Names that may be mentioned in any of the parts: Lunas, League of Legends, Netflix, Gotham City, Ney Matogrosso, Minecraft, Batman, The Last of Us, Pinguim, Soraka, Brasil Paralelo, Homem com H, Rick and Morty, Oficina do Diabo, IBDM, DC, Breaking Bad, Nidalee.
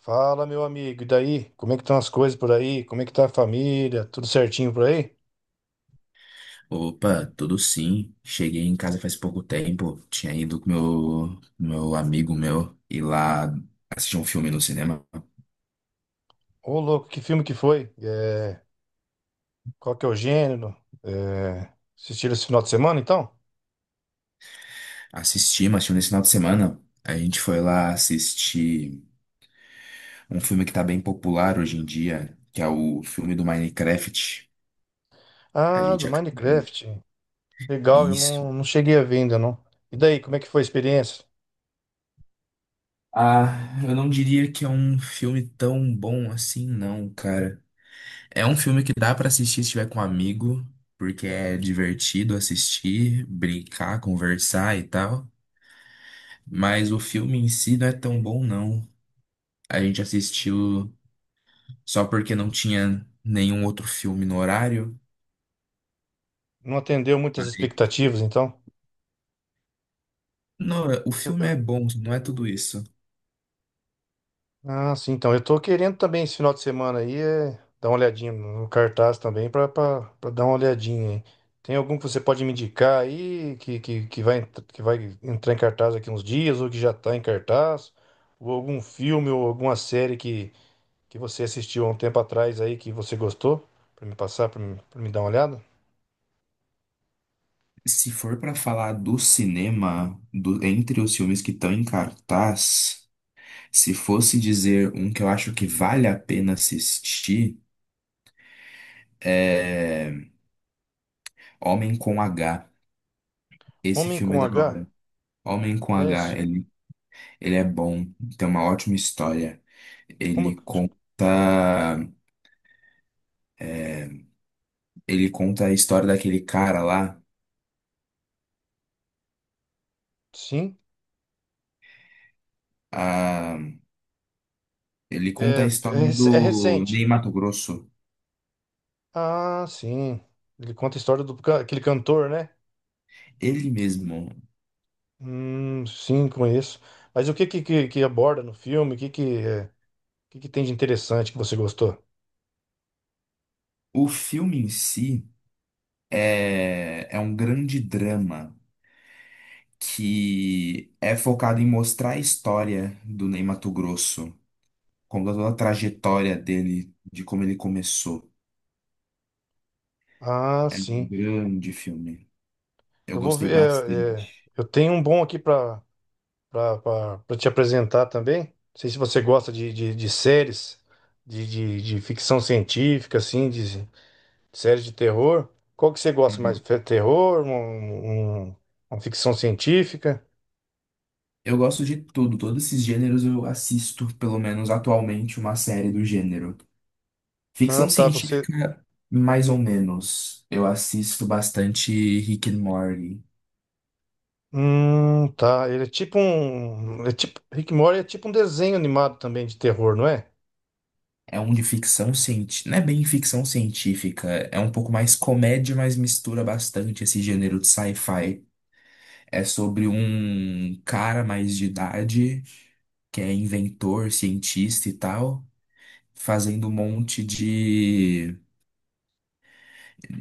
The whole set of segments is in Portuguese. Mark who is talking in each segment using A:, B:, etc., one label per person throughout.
A: Fala, meu amigo, e daí? Como é que estão as coisas por aí? Como é que tá a família? Tudo certinho por aí?
B: Opa, tudo sim. Cheguei em casa faz pouco tempo. Tinha ido com meu amigo meu ir lá assistir um filme no cinema.
A: Ô, louco, que filme que foi? Qual que é o gênero? É... Assistiram esse final de semana, então?
B: Assisti, mas tinha um nesse final de semana. A gente foi lá assistir um filme que tá bem popular hoje em dia, que é o filme do Minecraft. A
A: Ah, do
B: gente acabou
A: Minecraft. Legal, eu
B: isso.
A: não, não cheguei a ver ainda, não. E daí, como é que foi a experiência?
B: Ah, eu não diria que é um filme tão bom assim, não, cara. É um filme que dá pra assistir se estiver com um amigo, porque é divertido assistir, brincar, conversar e tal. Mas o filme em si não é tão bom, não. A gente assistiu só porque não tinha nenhum outro filme no horário.
A: Não atendeu muitas
B: Aí,
A: expectativas, então?
B: não, o filme é bom, não é tudo isso.
A: Ah, sim, então eu tô querendo também esse final de semana aí, dar uma olhadinha no cartaz também pra dar uma olhadinha aí. Tem algum que você pode me indicar aí que vai, que vai entrar em cartaz daqui uns dias ou que já tá em cartaz? Ou algum filme ou alguma série que você assistiu há um tempo atrás aí que você gostou? Pra me passar, pra me dar uma olhada?
B: Se for pra falar do cinema, entre os filmes que estão em cartaz, se fosse dizer um que eu acho que vale a pena assistir, é Homem com H. Esse
A: Homem
B: filme
A: com
B: é da
A: H?
B: hora. Homem com
A: É,
B: H,
A: s-
B: ele é bom, tem uma ótima história.
A: Como?
B: Ele conta, ele conta a história daquele cara lá.
A: Sim,
B: Ah, ele conta a história
A: é
B: do
A: recente.
B: Ney Matogrosso.
A: Ah, sim. Ele conta a história do aquele cantor, né?
B: Ele mesmo.
A: Sim, conheço. Mas o que que aborda no filme? O que que tem de interessante que você gostou?
B: O filme em si é um grande drama que é focado em mostrar a história do Ney Matogrosso, conta toda a trajetória dele, de como ele começou.
A: Ah,
B: É um
A: sim.
B: grande filme. Eu
A: Eu vou
B: gostei
A: ver.
B: bastante.
A: Eu tenho um bom aqui para te apresentar também. Não sei se você gosta de séries, de ficção científica, assim, de séries de terror. Qual que você gosta mais?
B: Uhum.
A: Terror? Uma ficção científica?
B: Eu gosto de tudo, todos esses gêneros eu assisto, pelo menos atualmente, uma série do gênero.
A: Ah,
B: Ficção
A: tá. você
B: científica, mais ou menos. Eu assisto bastante Rick and Morty.
A: Tá. Ele é tipo um. É tipo... Rick and Morty é tipo um desenho animado também de terror, não é?
B: É um de ficção científica, não é bem ficção científica, é um pouco mais comédia, mas mistura bastante esse gênero de sci-fi. É sobre um cara mais de idade que é inventor, cientista e tal, fazendo um monte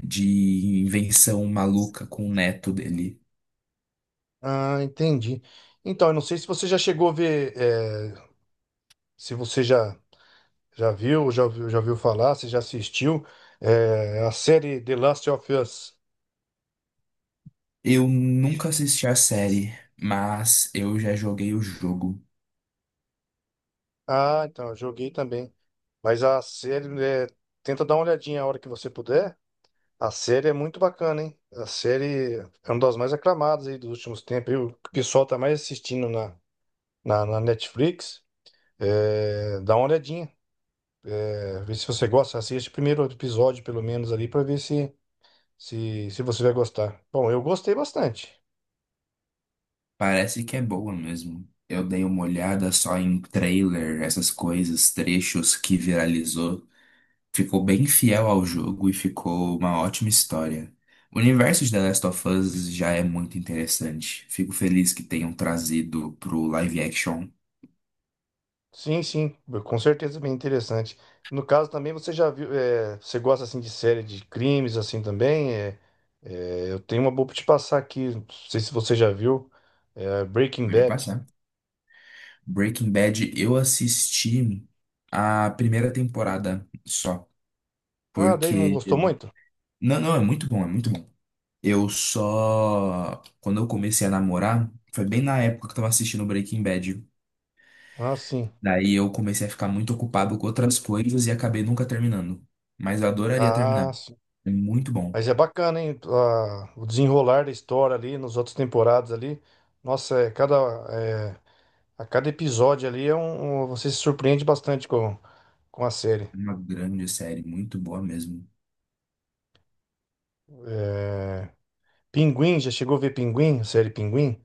B: de invenção maluca com o neto dele.
A: Ah, entendi. Então, eu não sei se você já chegou a ver. Se você já viu, já ouviu falar, se já assistiu. A série The Last of Us.
B: Eu nunca assisti a série, mas eu já joguei o jogo.
A: Ah, então, eu joguei também. Mas a série. Tenta dar uma olhadinha a hora que você puder. A série é muito bacana, hein? A série é uma das mais aclamadas aí dos últimos tempos. Aí O pessoal tá mais assistindo na Netflix. É, dá uma olhadinha, vê se você gosta. Assiste o primeiro episódio, pelo menos, ali, pra ver se você vai gostar. Bom, eu gostei bastante.
B: Parece que é boa mesmo. Eu dei uma olhada só em trailer, essas coisas, trechos que viralizou. Ficou bem fiel ao jogo e ficou uma ótima história. O universo de The Last of Us já é muito interessante. Fico feliz que tenham trazido pro live action.
A: Sim, sim, com certeza é bem interessante. No caso também, você já viu, é, você gosta assim de série de crimes assim também? Eu tenho uma boa pra te passar aqui, não sei se você já viu, Breaking
B: Pode
A: Bad.
B: passar. Breaking Bad, eu assisti a primeira temporada só,
A: Ah, daí não
B: porque
A: gostou muito?
B: não, é muito bom, é muito bom. Eu só quando eu comecei a namorar, foi bem na época que eu tava assistindo Breaking Bad.
A: Ah, sim.
B: Daí eu comecei a ficar muito ocupado com outras coisas e acabei nunca terminando. Mas eu adoraria
A: Ah,
B: terminar. É muito bom.
A: mas é bacana, hein? O desenrolar da história ali nos outras temporadas ali. Nossa, é, a cada episódio ali é você se surpreende bastante com a série.
B: É uma grande série, muito boa mesmo.
A: Pinguim, já chegou a ver Pinguim? A série Pinguim?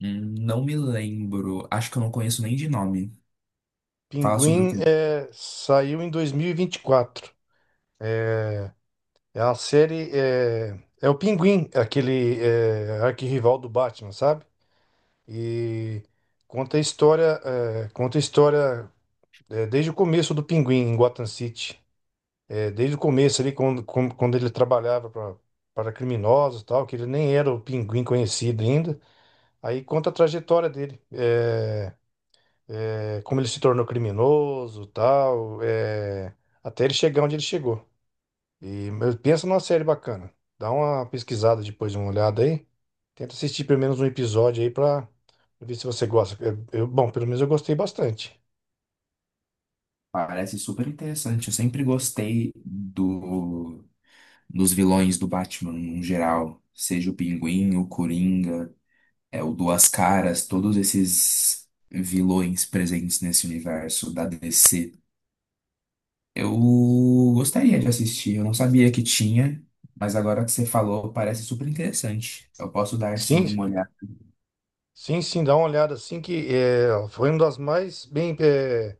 B: Não me lembro, acho que eu não conheço nem de nome. Fala sobre o
A: Pinguim
B: quê?
A: é, saiu em dois mil e vinte e quatro. É uma série. É, é o Pinguim, aquele é, arquirrival do Batman, sabe? E conta a história, desde o começo do Pinguim em Gotham City. É, desde o começo ali, quando quando ele trabalhava para criminosos e tal, que ele nem era o pinguim conhecido ainda. Aí conta a trajetória dele, como ele se tornou criminoso, e tal, até ele chegar onde ele chegou. E mas pensa numa série bacana. Dá uma pesquisada depois, uma olhada aí. Tenta assistir pelo menos um episódio aí para ver se você gosta. É, bom, pelo menos eu gostei bastante.
B: Parece super interessante. Eu sempre gostei do, dos vilões do Batman no geral, seja o Pinguim, o Coringa, é o Duas Caras, todos esses vilões presentes nesse universo da DC. Eu gostaria de assistir, eu não sabia que tinha, mas agora que você falou, parece super interessante. Eu posso dar sim
A: Sim,
B: uma olhada.
A: sim, sim, dá uma olhada assim que é, foi uma das mais bem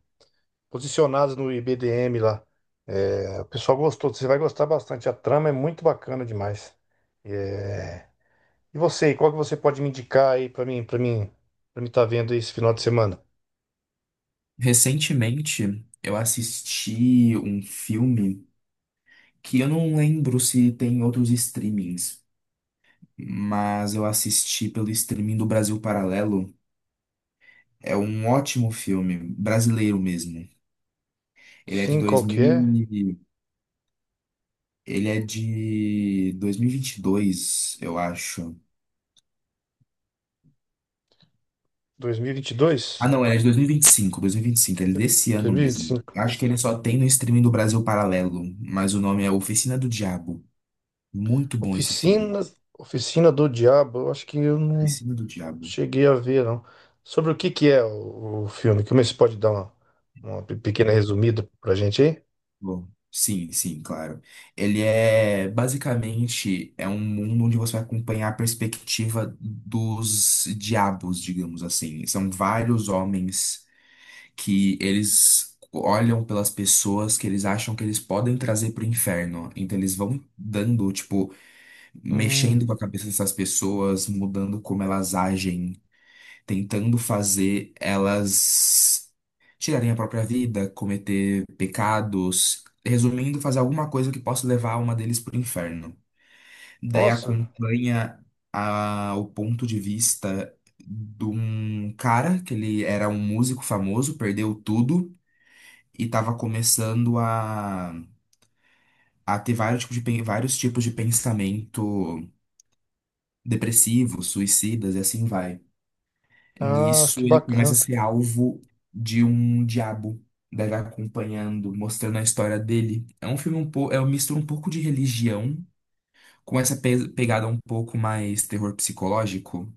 A: posicionados no IBDM lá. É, o pessoal gostou, você vai gostar bastante. A trama é muito bacana demais. É, e você, qual que você pode me indicar aí pra mim, para mim, para mim tá vendo esse final de semana?
B: Recentemente, eu assisti um filme que eu não lembro se tem em outros streamings, mas eu assisti pelo streaming do Brasil Paralelo. É um ótimo filme, brasileiro mesmo. Ele é de
A: Sim, qual que
B: 2000
A: é?
B: e... ele é de 2022, eu acho.
A: Dois mil e vinte e
B: Ah,
A: dois?
B: não, ele é de 2025, 2025, ele é desse
A: Dois
B: ano
A: mil e vinte e
B: mesmo.
A: cinco.
B: Acho que ele só tem no streaming do Brasil Paralelo, mas o nome é Oficina do Diabo. Muito bom esse filme.
A: Oficina, Oficina do Diabo. Eu acho que eu não
B: Oficina do Diabo.
A: cheguei a ver, não. Sobre o que que é o filme? Como é que você pode dar uma pequena resumida pra gente aí?
B: Bom, sim, sim, claro. Ele é basicamente um mundo onde você vai acompanhar a perspectiva dos diabos, digamos assim. São vários homens que eles olham pelas pessoas que eles acham que eles podem trazer para o inferno. Então eles vão dando, tipo,
A: Hum,
B: mexendo com a cabeça dessas pessoas, mudando como elas agem, tentando fazer elas tirarem a própria vida, cometer pecados, resumindo, fazer alguma coisa que possa levar a alma deles para o inferno. Daí
A: nossa,
B: acompanha o ponto de vista de um cara que ele era um músico famoso, perdeu tudo e estava começando a ter vários tipos de, vários tipos de pensamento depressivo, suicidas e assim vai.
A: ah, que
B: Nisso, ele começa a
A: bacana.
B: ser alvo de um diabo. Daí vai acompanhando, mostrando a história dele. É um filme um pouco, é um misto um pouco de religião com essa pegada um pouco mais terror psicológico.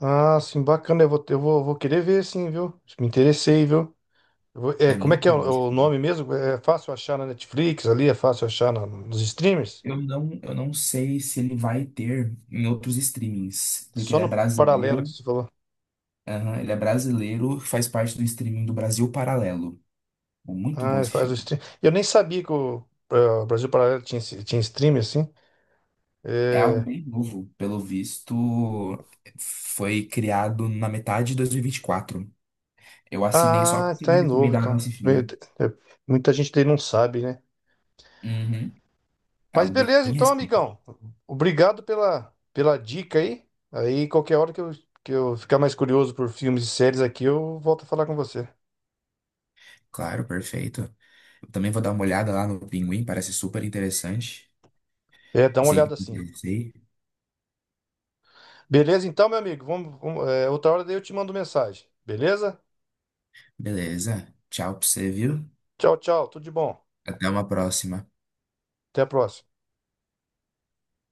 A: Ah, sim, bacana. Vou querer ver, sim, viu? Me interessei, viu? É,
B: É
A: como é que
B: muito
A: é
B: bom esse
A: o
B: filme.
A: nome mesmo? É é fácil achar na Netflix ali, é fácil achar nos streamers?
B: Eu não sei se ele vai ter em outros streamings, porque
A: Só
B: ele é
A: no paralelo que
B: brasileiro.
A: você falou.
B: Aham, ele é brasileiro, faz parte do streaming do Brasil Paralelo. Muito
A: Ah,
B: bom
A: ele
B: esse
A: faz o
B: filme.
A: stream. Eu nem sabia que o eh, o Brasil Paralelo tinha, tinha stream assim.
B: É algo
A: É,
B: bem novo, pelo visto, foi criado na metade de 2024. Eu assinei só
A: Ah,
B: porque
A: tá,
B: me
A: é novo,
B: recomendaram
A: então.
B: esse filme.
A: Muita gente daí não sabe, né?
B: Uhum. É
A: Mas
B: algo bem
A: beleza, então,
B: recente.
A: amigão. Obrigado pela, pela dica aí. Aí, qualquer hora que eu ficar mais curioso por filmes e séries aqui, eu volto a falar com você.
B: Claro, perfeito. Eu também vou dar uma olhada lá no Pinguim, parece super interessante.
A: É, dá uma
B: Sempre
A: olhada
B: me
A: assim.
B: interessei.
A: Beleza, então, meu amigo. Outra hora daí eu te mando mensagem. Beleza?
B: Beleza. Tchau pra você, viu?
A: Tchau, tchau. Tudo de bom.
B: Até uma próxima.
A: Até a próxima.